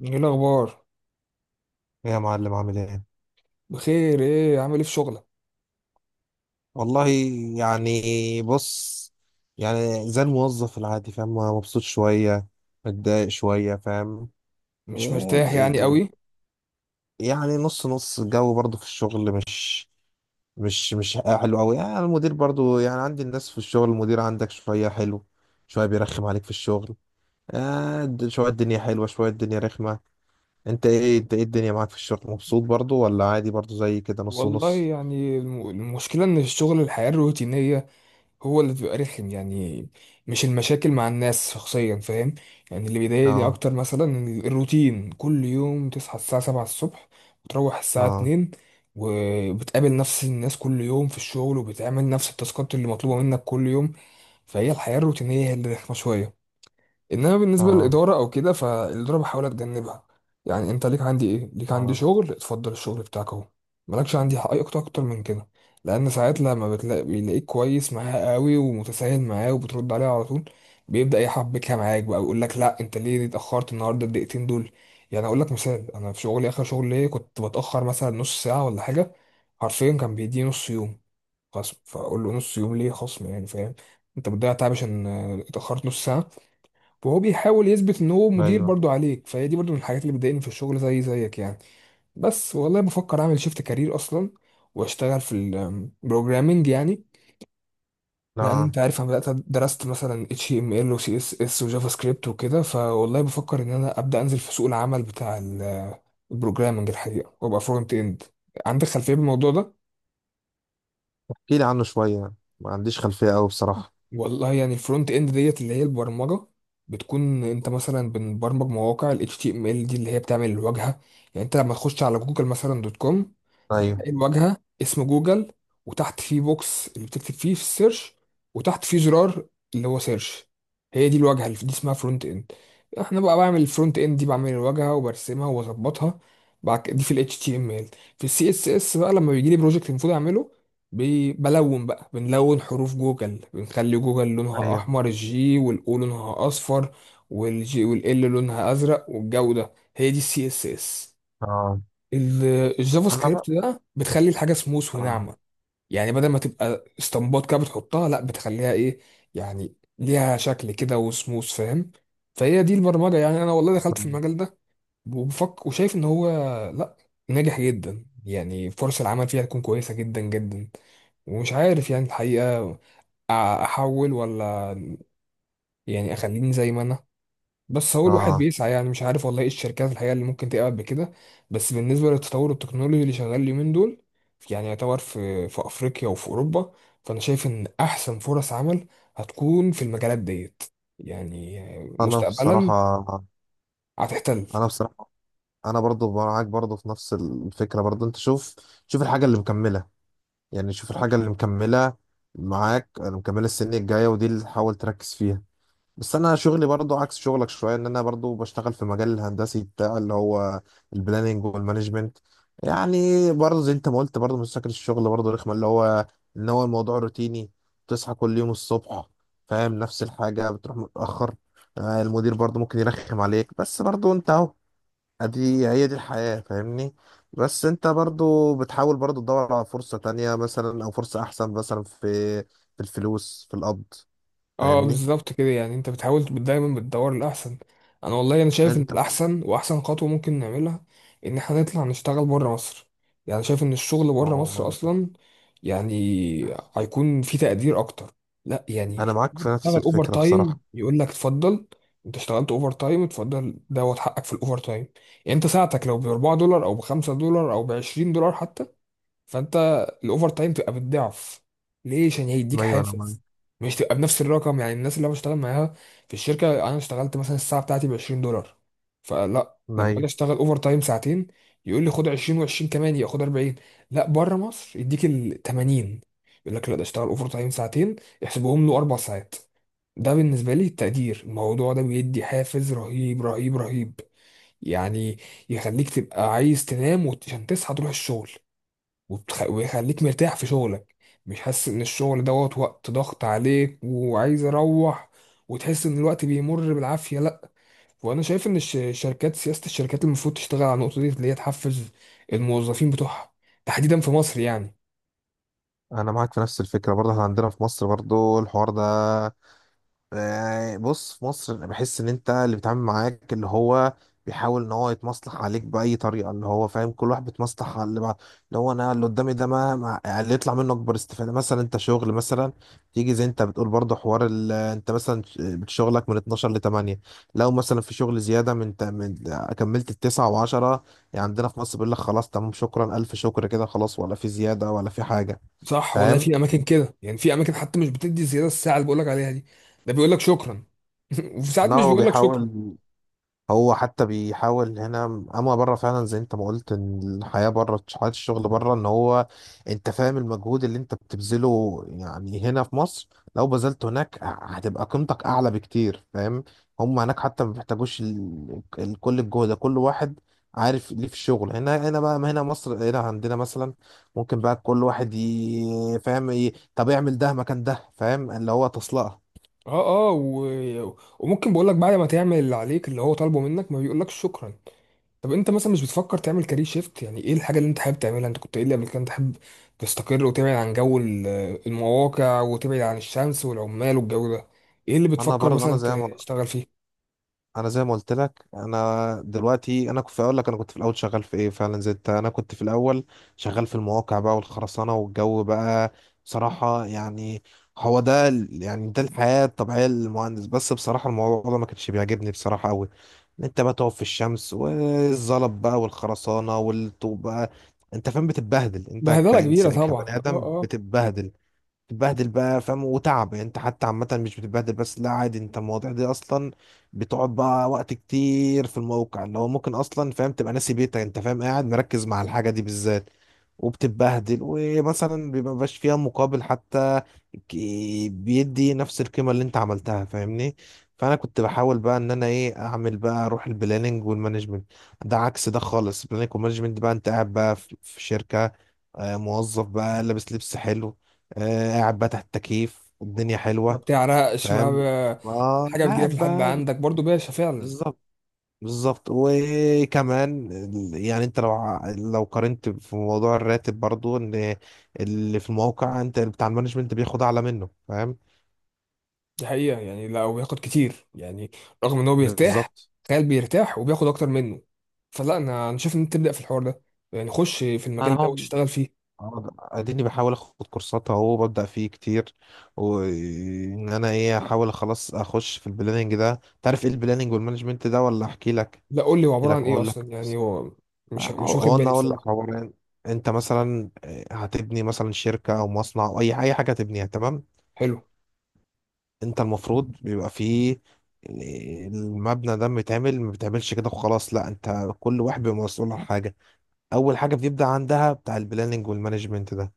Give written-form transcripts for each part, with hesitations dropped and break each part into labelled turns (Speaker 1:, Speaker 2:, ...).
Speaker 1: ايه الاخبار؟
Speaker 2: يا معلم، عامل ايه؟
Speaker 1: بخير. ايه عامل ايه في شغلك؟
Speaker 2: والله، يعني، بص، يعني زي الموظف العادي، فاهم؟ مبسوط شوية، متضايق شوية، فاهم؟
Speaker 1: مش
Speaker 2: إيه،
Speaker 1: مرتاح يعني
Speaker 2: د-
Speaker 1: قوي.
Speaker 2: يعني نص نص الجو برضو في الشغل، مش حلو قوي. يعني المدير برضو، يعني عندي الناس في الشغل، المدير عندك شوية حلو، شوية بيرخم عليك في الشغل. شوية الدنيا حلوة، شوية الدنيا رخمة. انت ايه الدنيا معاك في الشغل؟ مبسوط برضو ولا عادي برضو زي كده نص
Speaker 1: والله
Speaker 2: ونص؟
Speaker 1: يعني المشكله ان الشغل الحياه الروتينيه هو اللي بيبقى رخم يعني. مش المشاكل مع الناس شخصيا، فاهم. يعني اللي بيضايقني
Speaker 2: اه.
Speaker 1: اكتر مثلا إن الروتين كل يوم تصحى الساعه 7 الصبح وتروح الساعه
Speaker 2: اه.
Speaker 1: 2، وبتقابل نفس الناس كل يوم في الشغل وبتعمل نفس التاسكات اللي مطلوبه منك كل يوم. فهي الحياه الروتينيه هي اللي رخمه شويه. انما بالنسبه
Speaker 2: اه.
Speaker 1: للاداره او كده، فالاداره بحاول اتجنبها. يعني انت ليك عندي ايه؟ ليك عندي
Speaker 2: اه.
Speaker 1: شغل، اتفضل الشغل بتاعك اهو. مالكش عندي حق اي اكتر اكتر من كده. لان ساعات لما بتلاقي بيلاقيك كويس معاه قوي ومتساهل معاه وبترد عليه على طول، بيبدا يحبكها معاك بقى ويقول لك لا انت ليه اتاخرت النهارده الدقيقتين دول؟ يعني اقول لك مثال، انا في شغلي اخر شغل ليا كنت بتاخر مثلا نص ساعه ولا حاجه، حرفيا كان بيديني نص يوم خصم. فاقول له نص يوم ليه خصم يعني؟ فاهم، انت بتضيع تعب عشان اتاخرت نص ساعه. وهو بيحاول يثبت ان هو مدير
Speaker 2: ايوه.
Speaker 1: برضو عليك. فهي دي برضو من الحاجات اللي بتضايقني في الشغل، زي زيك يعني. بس والله بفكر اعمل شيفت كارير اصلا، واشتغل في البروجرامنج يعني. لان
Speaker 2: لا.
Speaker 1: انت عارف انا بدات درست مثلا اتش تي ام ال وسي اس اس وجافا سكريبت وكده. فوالله بفكر ان انا ابدا انزل في سوق العمل بتاع البروجرامنج الحقيقه، وابقى فرونت اند. عندك خلفيه بالموضوع ده؟
Speaker 2: احكي لي عنه شويه، ما عنديش خلفيه قوي بصراحه.
Speaker 1: والله يعني الفرونت اند ديت اللي هي البرمجه، بتكون انت مثلا بنبرمج مواقع ال HTML دي اللي هي بتعمل الواجهه. يعني انت لما تخش على جوجل مثلا دوت كوم،
Speaker 2: ايوه.
Speaker 1: هتلاقي الواجهه اسم جوجل، وتحت فيه بوكس اللي بتكتب فيه في السيرش، وتحت فيه زرار اللي هو سيرش. هي دي الواجهه اللي دي اسمها فرونت اند. احنا بقى بعمل الفرونت اند دي، بعمل الواجهه وبرسمها واظبطها. دي في الاتش تي ام ال. في السي اس اس بقى لما بيجي لي بروجكت المفروض اعمله، بلون بقى، بنلون حروف جوجل، بنخلي جوجل لونها
Speaker 2: ايوه.
Speaker 1: احمر، الجي والاو لونها اصفر، والجي والال لونها ازرق والجو ده. هي دي السي اس اس.
Speaker 2: اه.
Speaker 1: الجافا
Speaker 2: انا بقى.
Speaker 1: سكريبت ده بتخلي الحاجه سموث
Speaker 2: اه.
Speaker 1: وناعمه. يعني بدل ما تبقى اسطمبات كده بتحطها، لا بتخليها ايه، يعني ليها شكل كده وسموث، فاهم. فهي دي البرمجه. يعني انا والله دخلت في المجال ده وبفكر، وشايف ان هو لا، ناجح جدا، يعني فرص العمل فيها تكون كويسه جدا جدا. ومش عارف يعني الحقيقه، أ- احول ولا يعني اخليني زي ما انا. بس هو الواحد
Speaker 2: اه.
Speaker 1: بيسعى، يعني مش عارف والله ايه الشركات الحقيقة اللي ممكن تقع بكده. بس بالنسبة للتطور التكنولوجي اللي شغال اليومين دول، يعني يعتبر في أفريقيا وفي أوروبا، فأنا شايف إن أحسن فرص عمل هتكون في المجالات ديت، يعني
Speaker 2: انا
Speaker 1: مستقبلا،
Speaker 2: بصراحه
Speaker 1: هتحتل.
Speaker 2: انا بصراحه انا برضو معاك برضو في نفس الفكره. برضو انت شوف، شوف الحاجه اللي مكمله، يعني شوف الحاجه اللي مكمله معاك، اللي مكمله السنه الجايه، ودي اللي حاول تركز فيها. بس انا شغلي برضو عكس شغلك شويه، ان انا برضو بشتغل في مجال الهندسي بتاع اللي هو البلاننج والمانجمنت. يعني برضو زي انت ما قلت، برضو من شكل الشغل برضو رخمه، اللي هو ان هو الموضوع روتيني، بتصحى كل يوم الصبح، فاهم؟ نفس الحاجه، بتروح متاخر. المدير برضو ممكن يرخم عليك، بس برضو انت اهو، ادي هي دي الحياه، فاهمني؟ بس انت برضو بتحاول برضو تدور على فرصه تانية مثلا، او فرصه احسن مثلا في الفلوس، في القبض.
Speaker 1: اه
Speaker 2: فاهمني؟
Speaker 1: بالظبط كده. يعني انت بتحاول دايما بتدور الاحسن. انا والله انا شايف ان
Speaker 2: انت بقى.
Speaker 1: الاحسن واحسن خطوه ممكن نعملها، ان احنا نطلع نشتغل بره مصر. يعني شايف ان الشغل بره
Speaker 2: أو.
Speaker 1: مصر اصلا، يعني، هيكون في تقدير اكتر. لا يعني
Speaker 2: أنا معاك في نفس
Speaker 1: تشتغل اوفر
Speaker 2: الفكرة
Speaker 1: تايم
Speaker 2: بصراحة.
Speaker 1: يقول لك اتفضل، انت اشتغلت اوفر تايم اتفضل دوت حقك في الاوفر تايم. يعني انت ساعتك لو ب $4 او ب $5 او ب $20 حتى، فانت الاوفر تايم تبقى بالضعف. ليه؟ عشان هيديك
Speaker 2: أيوة أنا معاك.
Speaker 1: حافز، مش تبقى بنفس الرقم. يعني الناس اللي انا بشتغل معاها في الشركه، انا اشتغلت مثلا الساعه بتاعتي ب $20، فلا لما اجي
Speaker 2: أيوة
Speaker 1: اشتغل اوفر تايم ساعتين يقول لي خد 20 و20 كمان، ياخد 40. لا، بره مصر يديك ال 80، يقول لك لا ده اشتغل اوفر تايم ساعتين، احسبهم له اربع ساعات. ده بالنسبه لي التقدير. الموضوع ده بيدي حافز رهيب رهيب رهيب. يعني يخليك تبقى عايز تنام وعشان تصحى تروح الشغل، ويخليك مرتاح في شغلك، مش حاسس ان الشغل دوت وقت ضغط عليك وعايز اروح، وتحس ان الوقت بيمر بالعافية. لا. وانا شايف ان الشركات، سياسة الشركات المفروض تشتغل على النقطة دي اللي هي تحفز الموظفين بتوعها، تحديدا في مصر يعني.
Speaker 2: أنا معاك في نفس الفكرة برضه. إحنا عندنا في مصر برضه الحوار ده. يعني بص، في مصر انا بحس ان انت اللي بيتعامل معاك اللي هو بيحاول ان هو يتمصلح عليك باي طريقه، اللي هو فاهم كل واحد بيتمصلح على اللي بعد، اللي هو انا اللي قدامي ده، يعني اللي يطلع منه اكبر استفاده. مثلا انت شغل مثلا، تيجي زي انت بتقول برضه حوار ال... آه، انت مثلا شغلك من 12 ل 8. لو مثلا في شغل زياده من، كملت التسعة و10، يعني عندنا في مصر بيقول لك خلاص تمام، شكرا، الف شكر كده خلاص، ولا في زياده ولا في حاجه.
Speaker 1: صح والله،
Speaker 2: فاهم؟
Speaker 1: في اماكن كده يعني، في اماكن حتى مش بتدي زيادة الساعة اللي بقولك عليها دي، ده بيقولك شكرا. وفي ساعات
Speaker 2: لا
Speaker 1: مش
Speaker 2: هو
Speaker 1: بيقولك شكرا.
Speaker 2: بيحاول، هو حتى بيحاول هنا. اما بره فعلا زي انت ما قلت، ان الحياه بره، حياه الشغل بره، ان هو انت فاهم المجهود اللي انت بتبذله، يعني هنا في مصر لو بذلته هناك هتبقى قيمتك اعلى بكتير، فاهم؟ هم هناك حتى ما بيحتاجوش كل الجهد ده. كل واحد عارف ليه في الشغل هنا. هنا بقى، ما هنا مصر، هنا عندنا مثلا ممكن بقى كل واحد فاهم طب اعمل ده مكان ده، فاهم اللي هو تصلقه.
Speaker 1: اه اه وممكن بقولك بعد ما تعمل اللي عليك اللي هو طالبه منك ما بيقولكش شكرا. طب انت مثلا مش بتفكر تعمل كارير شيفت؟ يعني ايه الحاجه اللي انت حابب تعملها؟ انت كنت قايل لي قبل كده انت حابب تستقر وتبعد عن جو المواقع، وتبعد عن الشمس والعمال والجو ده. ايه اللي
Speaker 2: انا
Speaker 1: بتفكر
Speaker 2: برضه انا
Speaker 1: مثلا
Speaker 2: زي ما
Speaker 1: تشتغل فيه؟
Speaker 2: انا زي ما قلت لك انا دلوقتي، انا كنت اقول لك انا كنت في الاول شغال في ايه فعلا زي انت. انا كنت في الاول شغال في المواقع بقى والخرسانه والجو بقى، بصراحه. يعني هو ده يعني ده الحياه الطبيعيه للمهندس. بس بصراحه الموضوع ده ما كانش بيعجبني بصراحه قوي، ان انت بقى تقف في الشمس والزلط بقى والخرسانه والطوب بقى، انت فاهم؟ بتتبهدل انت
Speaker 1: بهدله كبيره
Speaker 2: كإنسان،
Speaker 1: طبعا،
Speaker 2: كبني
Speaker 1: اه
Speaker 2: ادم
Speaker 1: اه.
Speaker 2: بتتبهدل، تتبهدل بقى، فاهم؟ وتعب. يعني انت حتى عامة مش بتتبهدل بس لا عادي، انت المواضيع دي اصلا بتقعد بقى وقت كتير في الموقع، اللي هو ممكن اصلا فاهم تبقى ناسي بيتك، انت فاهم قاعد مركز مع الحاجة دي بالذات، وبتتبهدل، ومثلا بيبقى مبقاش فيها مقابل حتى. ك- بيدي نفس القيمة اللي انت عملتها. فاهمني؟ فانا كنت بحاول بقى ان انا ايه اعمل بقى، اروح البلاننج والمانجمنت. ده عكس ده خالص. البلاننج والمانجمنت بقى انت قاعد بقى في شركة، موظف بقى، لابس لبس حلو، قاعد بقى تحت التكييف والدنيا
Speaker 1: ما
Speaker 2: حلوة،
Speaker 1: بتعرقش، ما
Speaker 2: فاهم؟
Speaker 1: ب...
Speaker 2: اه،
Speaker 1: الحاجه بتجيلك
Speaker 2: قاعد
Speaker 1: لحد
Speaker 2: بقى.
Speaker 1: عندك برضو باشا فعلا.
Speaker 2: بالظبط. بالظبط. وكمان يعني انت لو لو قارنت في موضوع الراتب برضو، ان اللي في الموقع انت بتاع المانجمنت بياخد اعلى منه. فاهم؟
Speaker 1: دي حقيقه يعني لو بياخد كتير يعني، رغم ان هو بيرتاح.
Speaker 2: بالظبط.
Speaker 1: تخيل، بيرتاح وبياخد اكتر منه. فلا انا شايف ان انت تبدا في الحوار ده، يعني خش في
Speaker 2: انا
Speaker 1: المجال ده
Speaker 2: بقعد-
Speaker 1: وتشتغل فيه.
Speaker 2: اديني بحاول اخد كورسات اهو، ببدا فيه كتير، وان انا ايه احاول خلاص اخش في البلاننج ده. تعرف ايه البلاننج والمانجمنت ده ولا احكي لك؟
Speaker 1: لا قول لي هو
Speaker 2: احكي
Speaker 1: عبارة
Speaker 2: لك،
Speaker 1: عن ايه
Speaker 2: اقول لك.
Speaker 1: اصلا؟ يعني هو مش واخد
Speaker 2: هو انا
Speaker 1: بالي
Speaker 2: اقول
Speaker 1: بصراحة.
Speaker 2: لك هو أنا- انت مثلا هتبني مثلا شركه او مصنع، او اي حاجه تبنيها، تمام؟
Speaker 1: حلو.
Speaker 2: انت المفروض بيبقى فيه، المبنى ده متعمل، ما بتعملش كده وخلاص، لا، انت كل واحد بيبقى مسؤول عن حاجه. اول حاجه بيبدا عندها بتاع البلاننج والمانجمنت ده،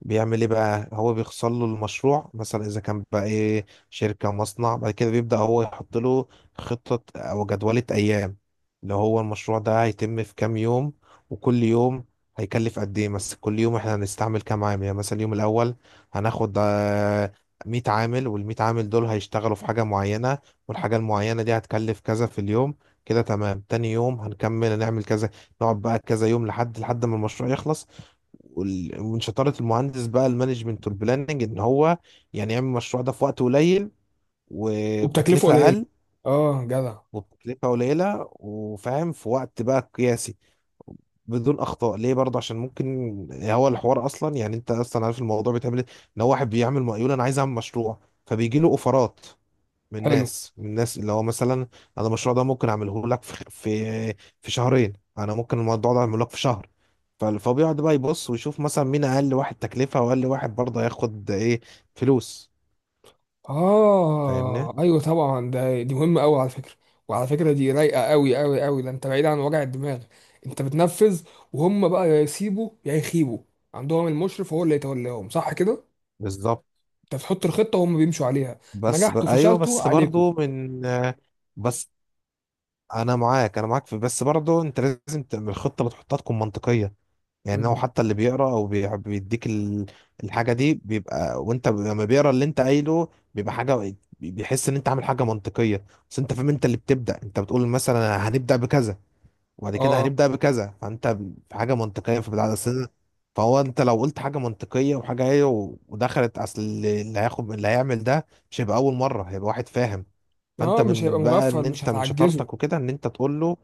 Speaker 2: بيعمل ايه بقى؟ هو بيخصل له المشروع مثلا، اذا كان بقى ايه شركة مصنع. بعد كده بيبدأ هو يحط له خطة، او جدولة ايام، اللي هو المشروع ده هيتم في كام يوم، وكل يوم هيكلف قد ايه. مثلا كل يوم احنا هنستعمل كام عامل. يعني مثلا اليوم الاول هناخد 100 عامل، وال100 عامل دول هيشتغلوا في حاجة معينة، والحاجة المعينة دي هتكلف كذا في اليوم. كده تمام، تاني يوم هنكمل هنعمل كذا، نقعد بقى كذا يوم لحد لحد ما المشروع يخلص. ومن شطارة المهندس بقى المانجمنت والبلاننج، ان هو يعني يعمل المشروع ده في وقت قليل
Speaker 1: وبتكلفه
Speaker 2: وبتكلفة
Speaker 1: قليلة.
Speaker 2: اقل،
Speaker 1: اه جدع.
Speaker 2: وبتكلفة قليلة، وفاهم في وقت بقى قياسي، بدون اخطاء. ليه برضه؟ عشان ممكن هو الحوار اصلا، يعني انت اصلا عارف الموضوع بيتعمل ايه، ان هو واحد بيعمل مقاول انا عايز اعمل مشروع، فبيجي له اوفرات من
Speaker 1: حلو.
Speaker 2: ناس، من ناس اللي هو مثلا انا المشروع ده ممكن اعمله لك في شهرين، انا ممكن الموضوع ده اعمله لك في شهر. فهو بيقعد بقى يبص ويشوف مثلا مين اقل واحد تكلفة، واقل واحد برضه هياخد ايه فلوس. فاهمني؟
Speaker 1: اه ايوه طبعا، ده دي مهمة قوي على فكرة. وعلى فكرة دي رايقة قوي قوي قوي. ده انت بعيد عن وجع الدماغ، انت بتنفذ، وهم بقى يا يسيبوا يا يخيبوا. عندهم المشرف هو اللي يتولاهم، صح كده؟
Speaker 2: بالظبط.
Speaker 1: انت بتحط الخطة وهم بيمشوا عليها، نجحتوا
Speaker 2: ايوه،
Speaker 1: فشلتوا
Speaker 2: بس
Speaker 1: عليكم.
Speaker 2: برضه من بس، انا معاك، انا معاك في، بس برضه انت لازم تعمل الخطة، بتحطها تكون منطقية. يعني هو
Speaker 1: مم.
Speaker 2: حتى اللي بيقرا او بيديك الحاجه دي بيبقى، وانت لما بيقرا اللي انت قايله بيبقى حاجه، بيحس ان انت عامل حاجه منطقيه. بس انت فاهم انت اللي بتبدا، انت بتقول مثلا هنبدا بكذا، وبعد
Speaker 1: اه
Speaker 2: كده
Speaker 1: اه.
Speaker 2: هنبدا بكذا، فانت في حاجه منطقيه في بدايه السنه. فهو انت لو قلت حاجه منطقيه وحاجه هي ودخلت، اصل اللي هياخد اللي هيعمل ده مش هيبقى اول مره، هيبقى واحد فاهم. فانت
Speaker 1: اه، مش هيبقى
Speaker 2: من بقى،
Speaker 1: مغفل
Speaker 2: ان
Speaker 1: مش
Speaker 2: انت من
Speaker 1: هتعجزه.
Speaker 2: شطارتك وكده، ان انت تقول له.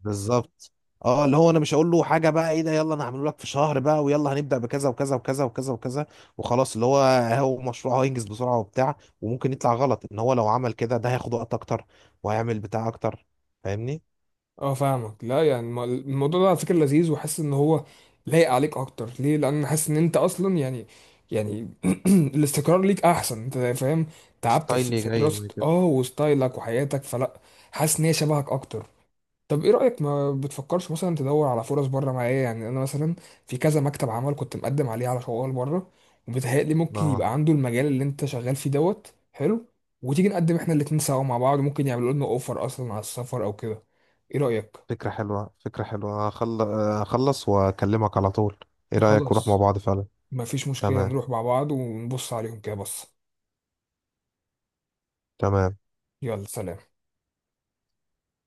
Speaker 2: بالظبط. اه، اللي هو انا مش هقول له حاجه بقى ايه ده، يلا انا هعمله لك في شهر بقى، ويلا هنبدا بكذا وكذا وكذا وكذا وكذا وخلاص، اللي هو هو مشروع هينجز بسرعه وبتاع، وممكن يطلع غلط، ان هو لو عمل كده ده هياخد وقت اكتر، وهيعمل بتاع اكتر. فاهمني؟
Speaker 1: اه فاهمك. لا يعني الموضوع ده على فكره لذيذ، وحاسس ان هو لايق عليك اكتر. ليه؟ لان حاسس ان انت اصلا يعني، يعني الاستقرار ليك احسن، انت فاهم. تعبت في
Speaker 2: ستايلي
Speaker 1: في
Speaker 2: جاي
Speaker 1: دراسه
Speaker 2: من كده.
Speaker 1: اه، وستايلك وحياتك فلا، حاسس ان هي شبهك اكتر. طب ايه رايك؟ ما بتفكرش مثلا تدور على فرص بره معايا؟ يعني انا مثلا في كذا مكتب عمل كنت مقدم عليه على شغل بره، وبيتهيألي ممكن
Speaker 2: اه.
Speaker 1: يبقى عنده المجال اللي انت شغال فيه دوت حلو، وتيجي نقدم احنا الاتنين سوا مع بعض، ممكن يعملوا لنا اوفر اصلا على السفر او كده. ايه رأيك؟
Speaker 2: فكره حلوه، فكره حلوه. اخلص واكلمك على طول. ايه رايك نروح مع
Speaker 1: خلاص.
Speaker 2: بعض فعلا؟
Speaker 1: مفيش مشكلة،
Speaker 2: تمام.
Speaker 1: نروح مع بعض ونبص عليهم كده بص.
Speaker 2: تمام.
Speaker 1: يلا، سلام.